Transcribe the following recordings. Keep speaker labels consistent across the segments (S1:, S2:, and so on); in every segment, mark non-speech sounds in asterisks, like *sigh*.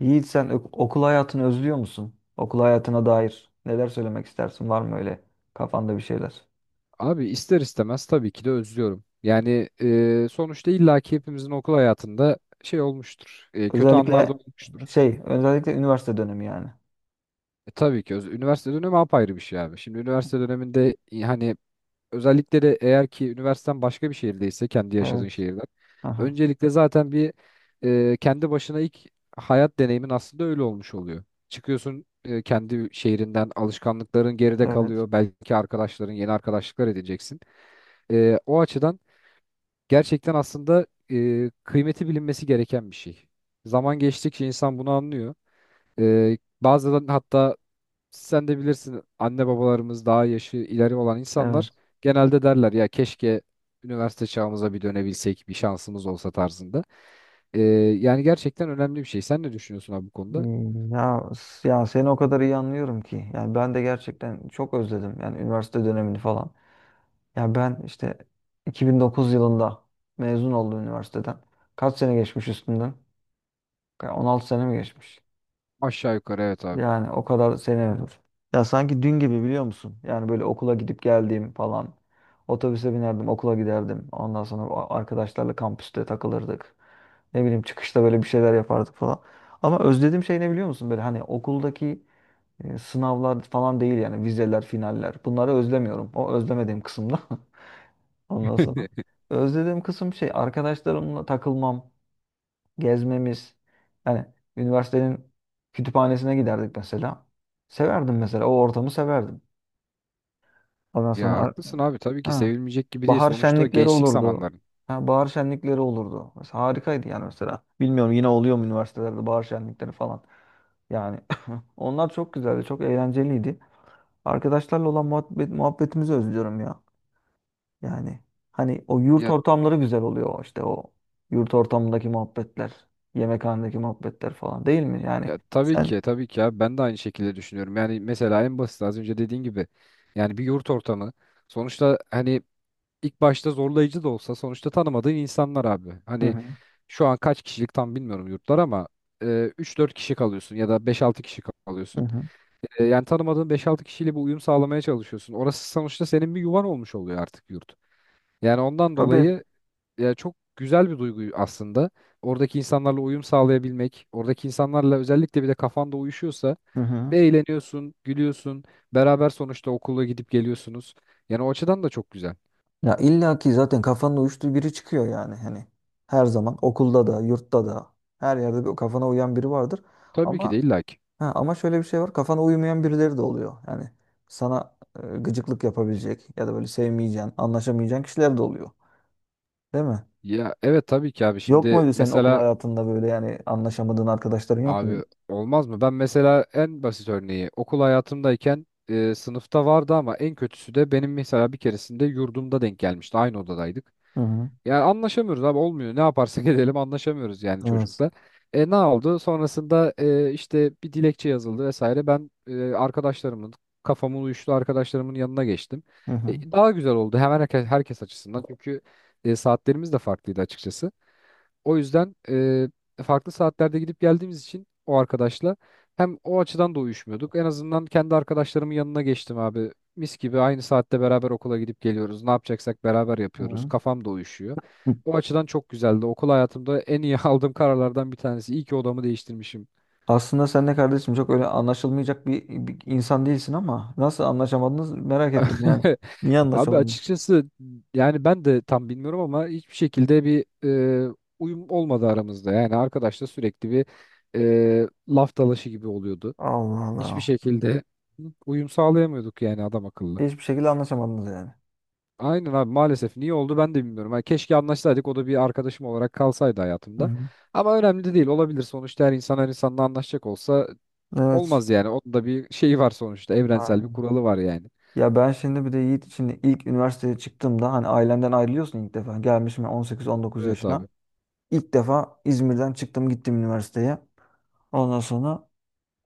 S1: Yiğit sen okul hayatını özlüyor musun? Okul hayatına dair neler söylemek istersin? Var mı öyle kafanda bir şeyler?
S2: Abi ister istemez tabii ki de özlüyorum. Yani sonuçta illaki hepimizin okul hayatında şey olmuştur. Kötü anlar da
S1: Özellikle
S2: olmuştur.
S1: özellikle üniversite dönemi yani.
S2: Tabii ki üniversite dönemi apayrı bir şey abi. Şimdi üniversite döneminde hani özellikle de eğer ki üniversiten başka bir şehirdeyse kendi yaşadığın
S1: Evet.
S2: şehirden.
S1: Aha.
S2: Öncelikle zaten kendi başına ilk hayat deneyimin aslında öyle olmuş oluyor. Çıkıyorsun kendi şehrinden alışkanlıkların geride
S1: Evet.
S2: kalıyor. Belki arkadaşların yeni arkadaşlıklar edeceksin. O açıdan gerçekten aslında kıymeti bilinmesi gereken bir şey. Zaman geçtikçe insan bunu anlıyor. Bazen hatta sen de bilirsin anne babalarımız daha yaşı ileri olan
S1: Evet.
S2: insanlar genelde derler ya keşke üniversite çağımıza bir dönebilsek bir şansımız olsa tarzında. Yani gerçekten önemli bir şey. Sen ne düşünüyorsun abi bu konuda?
S1: Ya, seni o kadar iyi anlıyorum ki. Yani ben de gerçekten çok özledim. Yani üniversite dönemini falan. Ya ben işte 2009 yılında mezun oldum üniversiteden. Kaç sene geçmiş üstünden? Ya 16 sene mi geçmiş?
S2: Aşağı yukarı evet abi.
S1: Yani o kadar sene olur. Ya sanki dün gibi biliyor musun? Yani böyle okula gidip geldiğim falan. Otobüse binerdim, okula giderdim. Ondan sonra o arkadaşlarla kampüste takılırdık. Ne bileyim çıkışta böyle bir şeyler yapardık falan. Ama özlediğim şey ne biliyor musun? Böyle hani okuldaki sınavlar falan değil yani, vizeler, finaller. Bunları özlemiyorum. O özlemediğim kısımda. *laughs* Ondan sonra.
S2: *laughs*
S1: Özlediğim kısım şey arkadaşlarımla takılmam, gezmemiz. Yani üniversitenin kütüphanesine giderdik mesela. Severdim mesela. O ortamı severdim. Ondan
S2: Ya
S1: sonra
S2: haklısın abi tabii ki
S1: ha,
S2: sevilmeyecek gibi değil
S1: bahar
S2: sonuçta
S1: şenlikleri
S2: gençlik
S1: olurdu.
S2: zamanların.
S1: Ha, bahar şenlikleri olurdu. Mesela harikaydı yani mesela. Bilmiyorum yine oluyor mu üniversitelerde bahar şenlikleri falan. Yani *laughs* onlar çok güzeldi. Çok eğlenceliydi. Arkadaşlarla olan muhabbet, muhabbetimizi özlüyorum ya. Yani hani o yurt
S2: Ya
S1: ortamları güzel oluyor, işte o yurt ortamındaki muhabbetler, yemekhanedeki muhabbetler falan değil mi? Yani
S2: Ya, tabii
S1: sen.
S2: ki tabii ki abi ben de aynı şekilde düşünüyorum. Yani mesela en basit az önce dediğin gibi yani bir yurt ortamı sonuçta hani ilk başta zorlayıcı da olsa sonuçta tanımadığın insanlar abi.
S1: Hı
S2: Hani
S1: hı,
S2: şu an kaç kişilik tam bilmiyorum yurtlar ama e, 3-4 kişi kalıyorsun ya da beş altı kişi
S1: hı
S2: kalıyorsun.
S1: hı.
S2: Yani tanımadığın beş altı kişiyle bir uyum sağlamaya çalışıyorsun. Orası sonuçta senin bir yuvan olmuş oluyor artık yurt. Yani ondan
S1: Tabii.
S2: dolayı ya çok güzel bir duygu aslında. Oradaki insanlarla uyum sağlayabilmek, oradaki insanlarla özellikle bir de kafanda uyuşuyorsa
S1: Hı hı.
S2: eğleniyorsun, gülüyorsun, beraber sonuçta okula gidip geliyorsunuz. Yani o açıdan da çok güzel.
S1: Ya illa ki zaten kafanın uyuştuğu biri çıkıyor yani, hani her zaman okulda da yurtta da her yerde bir kafana uyan biri vardır.
S2: Tabii ki de
S1: Ama
S2: illa ki.
S1: ha, ama şöyle bir şey var, kafana uymayan birileri de oluyor. Yani sana gıcıklık yapabilecek ya da böyle sevmeyeceğin, anlaşamayacağın kişiler de oluyor. Değil mi?
S2: Ya evet tabii ki abi
S1: Yok
S2: şimdi
S1: muydu senin okul
S2: mesela
S1: hayatında böyle, yani anlaşamadığın arkadaşların yok muydu?
S2: abi olmaz mı? Ben mesela en basit örneği okul hayatımdayken sınıfta vardı ama en kötüsü de benim mesela bir keresinde yurdumda denk gelmişti. Aynı odadaydık.
S1: Hı hı.
S2: Yani anlaşamıyoruz abi olmuyor. Ne yaparsak *laughs* edelim anlaşamıyoruz yani
S1: Evet.
S2: çocukla. Ne oldu? Sonrasında işte bir dilekçe yazıldı vesaire. Ben e, arkadaşlarımın kafamın uyuştu arkadaşlarımın yanına geçtim.
S1: Hı hı.
S2: Daha güzel oldu hemen herkes açısından. Çünkü saatlerimiz de farklıydı açıkçası. O yüzden farklı saatlerde gidip geldiğimiz için o arkadaşla hem o açıdan da uyuşmuyorduk. En azından kendi arkadaşlarımın yanına geçtim abi. Mis gibi aynı saatte beraber okula gidip geliyoruz. Ne yapacaksak beraber
S1: Hı
S2: yapıyoruz.
S1: hı.
S2: Kafam da uyuşuyor. O açıdan çok güzeldi. Okul hayatımda en iyi *laughs* aldığım kararlardan bir tanesi. İyi ki odamı değiştirmişim.
S1: Aslında sen de kardeşim çok öyle anlaşılmayacak bir, bir insan değilsin, ama nasıl anlaşamadınız merak ettim yani.
S2: *laughs*
S1: Niye
S2: Abi
S1: anlaşamadınız?
S2: açıkçası yani ben de tam bilmiyorum ama hiçbir şekilde bir e, uyum olmadı aramızda. Yani arkadaşla sürekli bir laf dalaşı gibi oluyordu.
S1: Allah
S2: Hiçbir
S1: Allah.
S2: şekilde uyum sağlayamıyorduk yani adam akıllı.
S1: Hiçbir şekilde anlaşamadınız yani.
S2: Aynen abi maalesef niye oldu ben de bilmiyorum. Hani keşke anlaşsaydık o da bir arkadaşım olarak kalsaydı
S1: Hı
S2: hayatımda.
S1: hı.
S2: Ama önemli de değil olabilir sonuçta her insan her insanla anlaşacak olsa
S1: Evet.
S2: olmaz yani. Onun da bir şeyi var sonuçta evrensel bir
S1: Aynen.
S2: kuralı var yani.
S1: Ya ben şimdi bir de Yiğit için, ilk üniversiteye çıktığımda hani ailenden ayrılıyorsun ilk defa. Gelmişim ben 18-19
S2: Evet
S1: yaşına.
S2: abi.
S1: İlk defa İzmir'den çıktım gittim üniversiteye. Ondan sonra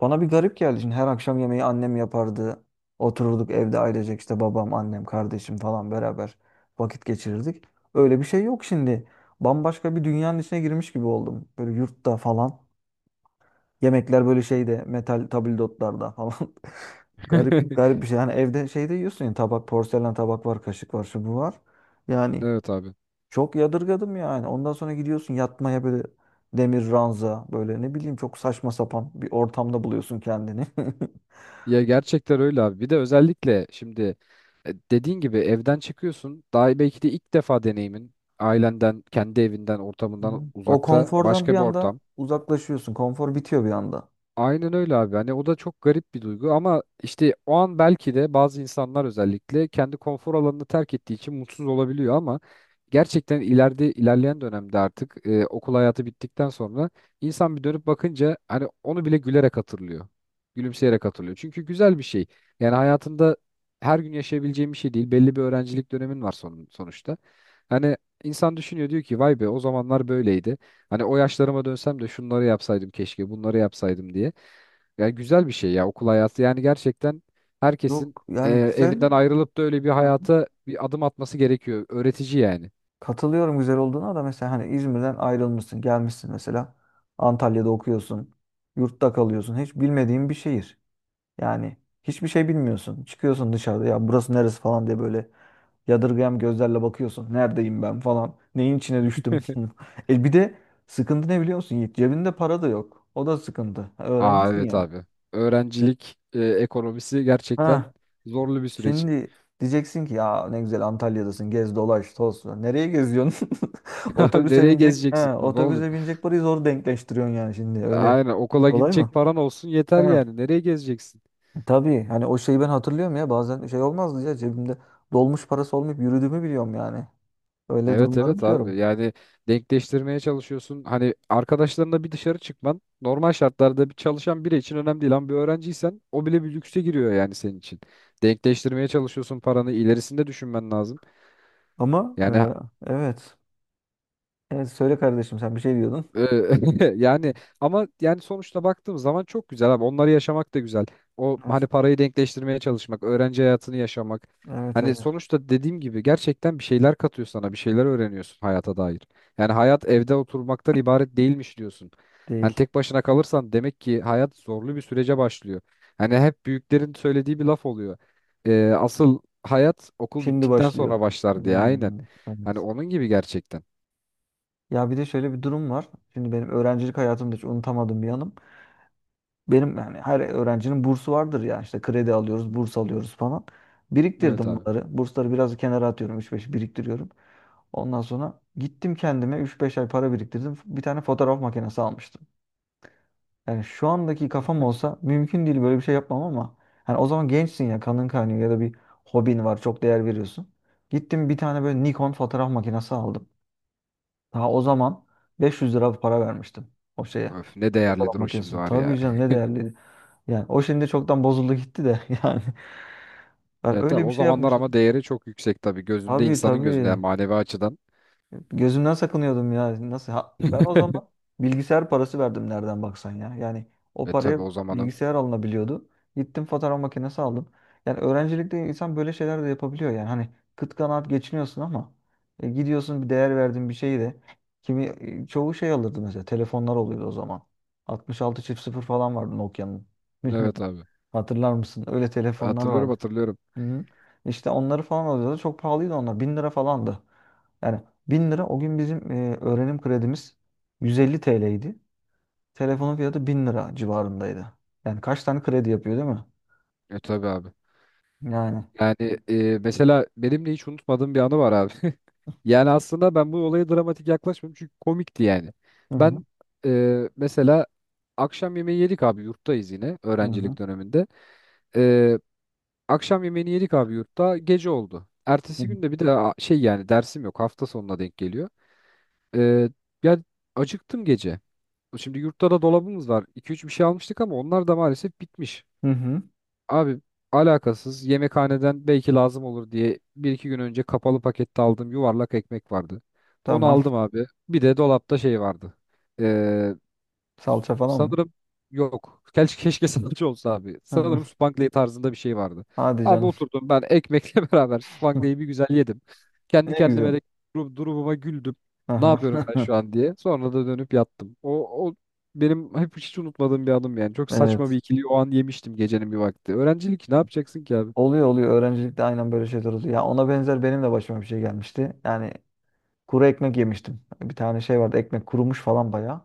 S1: bana bir garip geldi. Şimdi her akşam yemeği annem yapardı. Otururduk evde ailecek, işte babam, annem, kardeşim falan beraber vakit geçirirdik. Öyle bir şey yok şimdi. Bambaşka bir dünyanın içine girmiş gibi oldum. Böyle yurtta falan. Yemekler böyle şeyde, metal tabldotlarda falan. *laughs* Garip
S2: *laughs*
S1: garip bir şey. Yani evde şeyde yiyorsun ya, tabak, porselen tabak var, kaşık var, şu bu var. Yani
S2: Evet abi.
S1: çok yadırgadım yani. Ondan sonra gidiyorsun yatmaya, böyle demir ranza, böyle ne bileyim çok saçma sapan bir ortamda buluyorsun kendini. *laughs*
S2: Ya gerçekten öyle abi. Bir de özellikle şimdi dediğin gibi evden çıkıyorsun. Daha belki de ilk defa deneyimin ailenden, kendi evinden,
S1: Hı.
S2: ortamından
S1: O
S2: uzakta
S1: konfordan
S2: başka
S1: bir
S2: bir
S1: anda
S2: ortam.
S1: uzaklaşıyorsun. Konfor bitiyor bir anda.
S2: Aynen öyle abi. Hani o da çok garip bir duygu ama işte o an belki de bazı insanlar özellikle kendi konfor alanını terk ettiği için mutsuz olabiliyor ama gerçekten ileride ilerleyen dönemde artık okul hayatı bittikten sonra insan bir dönüp bakınca hani onu bile gülerek hatırlıyor. Gülümseyerek hatırlıyor. Çünkü güzel bir şey. Yani hayatında her gün yaşayabileceğim bir şey değil. Belli bir öğrencilik dönemin var sonuçta. Hani insan düşünüyor diyor ki vay be o zamanlar böyleydi. Hani o yaşlarıma dönsem de şunları yapsaydım keşke, bunları yapsaydım diye. Yani güzel bir şey ya okul hayatı. Yani gerçekten herkesin
S1: Yok yani güzel.
S2: evinden ayrılıp da öyle bir
S1: Aha.
S2: hayata bir adım atması gerekiyor. Öğretici yani.
S1: Katılıyorum güzel olduğuna da, mesela hani İzmir'den ayrılmışsın, gelmişsin mesela. Antalya'da okuyorsun. Yurtta kalıyorsun. Hiç bilmediğin bir şehir. Yani hiçbir şey bilmiyorsun. Çıkıyorsun dışarıda, ya burası neresi falan diye böyle yadırgayan gözlerle bakıyorsun. Neredeyim ben falan. Neyin içine düştüm.
S2: *laughs*
S1: *laughs* E bir de sıkıntı ne biliyor musun Yiğit? Cebinde para da yok. O da sıkıntı.
S2: Aa,
S1: Öğrencisin
S2: evet
S1: ya.
S2: abi. Öğrencilik ekonomisi gerçekten
S1: Ha.
S2: zorlu bir süreç.
S1: Şimdi diyeceksin ki ya ne güzel Antalya'dasın gez dolaş toz. Nereye geziyorsun? *laughs*
S2: *laughs* Abi
S1: Otobüse
S2: nereye
S1: binecek. He,
S2: gezeceksin kurban olayım?
S1: otobüse binecek parayı zor denkleştiriyorsun yani şimdi öyle.
S2: Aynen okula
S1: Kolay mı?
S2: gidecek paran olsun yeter
S1: He,
S2: yani. Nereye gezeceksin?
S1: tabii hani o şeyi ben hatırlıyorum ya, bazen şey olmazdı ya, cebimde dolmuş parası olmayıp yürüdüğümü biliyorum yani. Öyle
S2: Evet
S1: durumları
S2: evet abi
S1: biliyorum.
S2: yani denkleştirmeye çalışıyorsun. Hani arkadaşlarınla bir dışarı çıkman normal şartlarda bir çalışan biri için önemli değil ama bir öğrenciysen o bile bir lükse giriyor yani senin için. Denkleştirmeye çalışıyorsun paranı ilerisinde düşünmen lazım.
S1: Ama
S2: Yani
S1: evet. Evet söyle kardeşim, sen bir şey diyordun.
S2: Ee, *laughs* yani ama yani sonuçta baktığım zaman çok güzel abi. Onları yaşamak da güzel. O
S1: Evet,
S2: hani parayı denkleştirmeye çalışmak, öğrenci hayatını yaşamak.
S1: evet,
S2: Hani
S1: evet
S2: sonuçta dediğim gibi gerçekten bir şeyler katıyor sana, bir şeyler öğreniyorsun hayata dair. Yani hayat evde oturmaktan ibaret değilmiş diyorsun. Hani
S1: değil.
S2: tek başına kalırsan demek ki hayat zorlu bir sürece başlıyor. Hani hep büyüklerin söylediği bir laf oluyor. Asıl hayat okul
S1: Şimdi
S2: bittikten
S1: başlıyor.
S2: sonra başlar diye aynen.
S1: Hmm,
S2: Hani
S1: evet.
S2: onun gibi gerçekten.
S1: Ya bir de şöyle bir durum var. Şimdi benim öğrencilik hayatımda hiç unutamadığım bir yanım. Benim yani, her öğrencinin bursu vardır ya, işte kredi alıyoruz, burs alıyoruz falan.
S2: Evet
S1: Biriktirdim
S2: abi.
S1: bunları. Bursları biraz kenara atıyorum. Üç beş biriktiriyorum. Ondan sonra gittim kendime üç beş ay para biriktirdim. Bir tane fotoğraf makinesi almıştım. Yani şu andaki kafam olsa mümkün değil böyle bir şey yapmam, ama hani o zaman gençsin ya, kanın kaynıyor, ya da bir hobin var çok değer veriyorsun. Gittim bir tane böyle Nikon fotoğraf makinesi aldım. Daha o zaman 500 lira para vermiştim o şeye.
S2: Öf ne
S1: Fotoğraf
S2: değerlidir o şimdi
S1: makinesine.
S2: var ya.
S1: Tabii canım ne
S2: *laughs*
S1: değerliydi. Yani o şimdi çoktan bozuldu gitti de *laughs* yani. Ben
S2: Ya tabii
S1: öyle bir
S2: o
S1: şey
S2: zamanlar ama
S1: yapmıştım.
S2: değeri çok yüksek tabii. Gözünde
S1: Tabii
S2: insanın gözünde yani
S1: tabii.
S2: manevi açıdan.
S1: Gözümden sakınıyordum ya. Nasıl? Ha, ben o zaman bilgisayar parası verdim nereden baksan ya. Yani o paraya
S2: Tabii o zamanın.
S1: bilgisayar alınabiliyordu. Gittim fotoğraf makinesi aldım. Yani öğrencilikte insan böyle şeyler de yapabiliyor yani. Hani kıt kanaat geçiniyorsun ama gidiyorsun bir değer verdiğin bir şeyi de, kimi çoğu şey alırdı mesela. Telefonlar oluyordu o zaman. 66 çift sıfır falan vardı Nokia'nın. *laughs*
S2: Evet
S1: Bilmiyorum.
S2: abi.
S1: Hatırlar mısın? Öyle telefonlar
S2: Hatırlıyorum
S1: vardı.
S2: hatırlıyorum.
S1: Hı. İşte onları falan alıyordu. Çok pahalıydı onlar. Bin lira falandı. Yani 1000 lira o gün bizim öğrenim kredimiz 150 idi. Telefonun fiyatı 1000 lira civarındaydı. Yani kaç tane kredi yapıyor değil mi?
S2: Tabii abi.
S1: Yani.
S2: Yani mesela benim de hiç unutmadığım bir anı var abi. *laughs* Yani aslında ben bu olaya dramatik yaklaşmıyorum çünkü komikti yani.
S1: Hı hı.
S2: Ben mesela akşam yemeği yedik abi yurttayız yine
S1: Hı hı.
S2: öğrencilik döneminde. E, Akşam yemeğini yedik abi yurtta gece oldu.
S1: Hı
S2: Ertesi
S1: hı.
S2: gün de bir de şey yani dersim yok hafta sonuna denk geliyor. Ee, Ya acıktım gece. Şimdi yurtta da dolabımız var. iki üç bir şey almıştık ama onlar da maalesef bitmiş.
S1: Hı hı.
S2: Abi alakasız yemekhaneden belki lazım olur diye bir iki gün önce kapalı pakette aldığım yuvarlak ekmek vardı. Onu
S1: Tamam.
S2: aldım abi. Bir de dolapta şey vardı.
S1: *laughs* Salça falan mı?
S2: Sanırım yok. Keşke, keşke *laughs* sanatçı olsa abi.
S1: Hı hı.
S2: Sanırım Spangley tarzında bir şey vardı.
S1: Hadi
S2: Abi
S1: canım.
S2: oturdum ben ekmekle *laughs* beraber Spangley'i bir
S1: *laughs*
S2: güzel yedim. Kendi
S1: Ne güzel.
S2: kendime de durumuma güldüm. Ne
S1: Aha.
S2: yapıyorum
S1: *laughs*
S2: ben şu an diye. Sonra da dönüp yattım. O benim hep hiç unutmadığım bir anım yani. Çok saçma bir
S1: Evet.
S2: ikili o an yemiştim gecenin bir vakti. Öğrencilik ne yapacaksın ki abi?
S1: Oluyor oluyor. Öğrencilikte aynen böyle şeyler oluyor. Ya ona benzer benim de başıma bir şey gelmişti. Yani kuru ekmek yemiştim. Bir tane şey vardı. Ekmek kurumuş falan bayağı.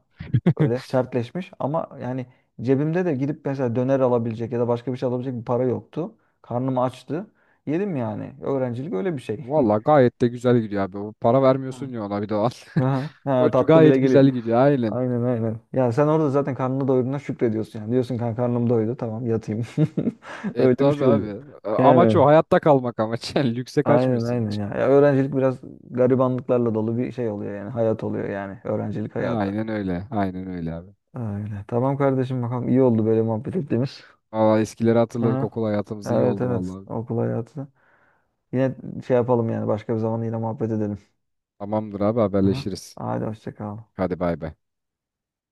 S1: Öyle
S2: *laughs*
S1: sertleşmiş, ama yani cebimde de gidip mesela döner alabilecek ya da başka bir şey alabilecek bir para yoktu. Karnım açtı. Yedim yani. Öğrencilik öyle bir şey. *laughs*
S2: Valla gayet de güzel gidiyor abi. O para vermiyorsun
S1: Ha.
S2: ya ona bir de o an. *laughs*
S1: Aha,
S2: O
S1: ha, tatlı bile
S2: gayet
S1: geliyor.
S2: güzel gidiyor aynen.
S1: Aynen aynen. Ya sen orada zaten karnını doyurduğuna şükrediyorsun yani. Diyorsun kanka karnım doydu tamam yatayım. *laughs*
S2: E
S1: Öyle bir
S2: tabi
S1: şey oluyor.
S2: abi. Amaç
S1: Yani
S2: o. Hayatta kalmak amaç. *laughs* Yani lükse
S1: aynen
S2: kaçmıyorsun
S1: aynen
S2: hiç.
S1: ya. Ya öğrencilik biraz garibanlıklarla dolu bir şey oluyor yani. Hayat oluyor yani. Öğrencilik hayatı.
S2: Aynen öyle. Aynen öyle abi.
S1: Öyle. Tamam kardeşim, bakalım iyi oldu böyle muhabbet ettiğimiz.
S2: Valla eskileri hatırladık.
S1: Aha.
S2: Okul hayatımız iyi
S1: Evet
S2: oldu
S1: evet,
S2: vallahi.
S1: okul hayatı. Yine şey yapalım yani, başka bir zaman yine muhabbet edelim.
S2: Tamamdır abi
S1: Aha.
S2: haberleşiriz.
S1: Hadi hoşça kal.
S2: Hadi bay bay.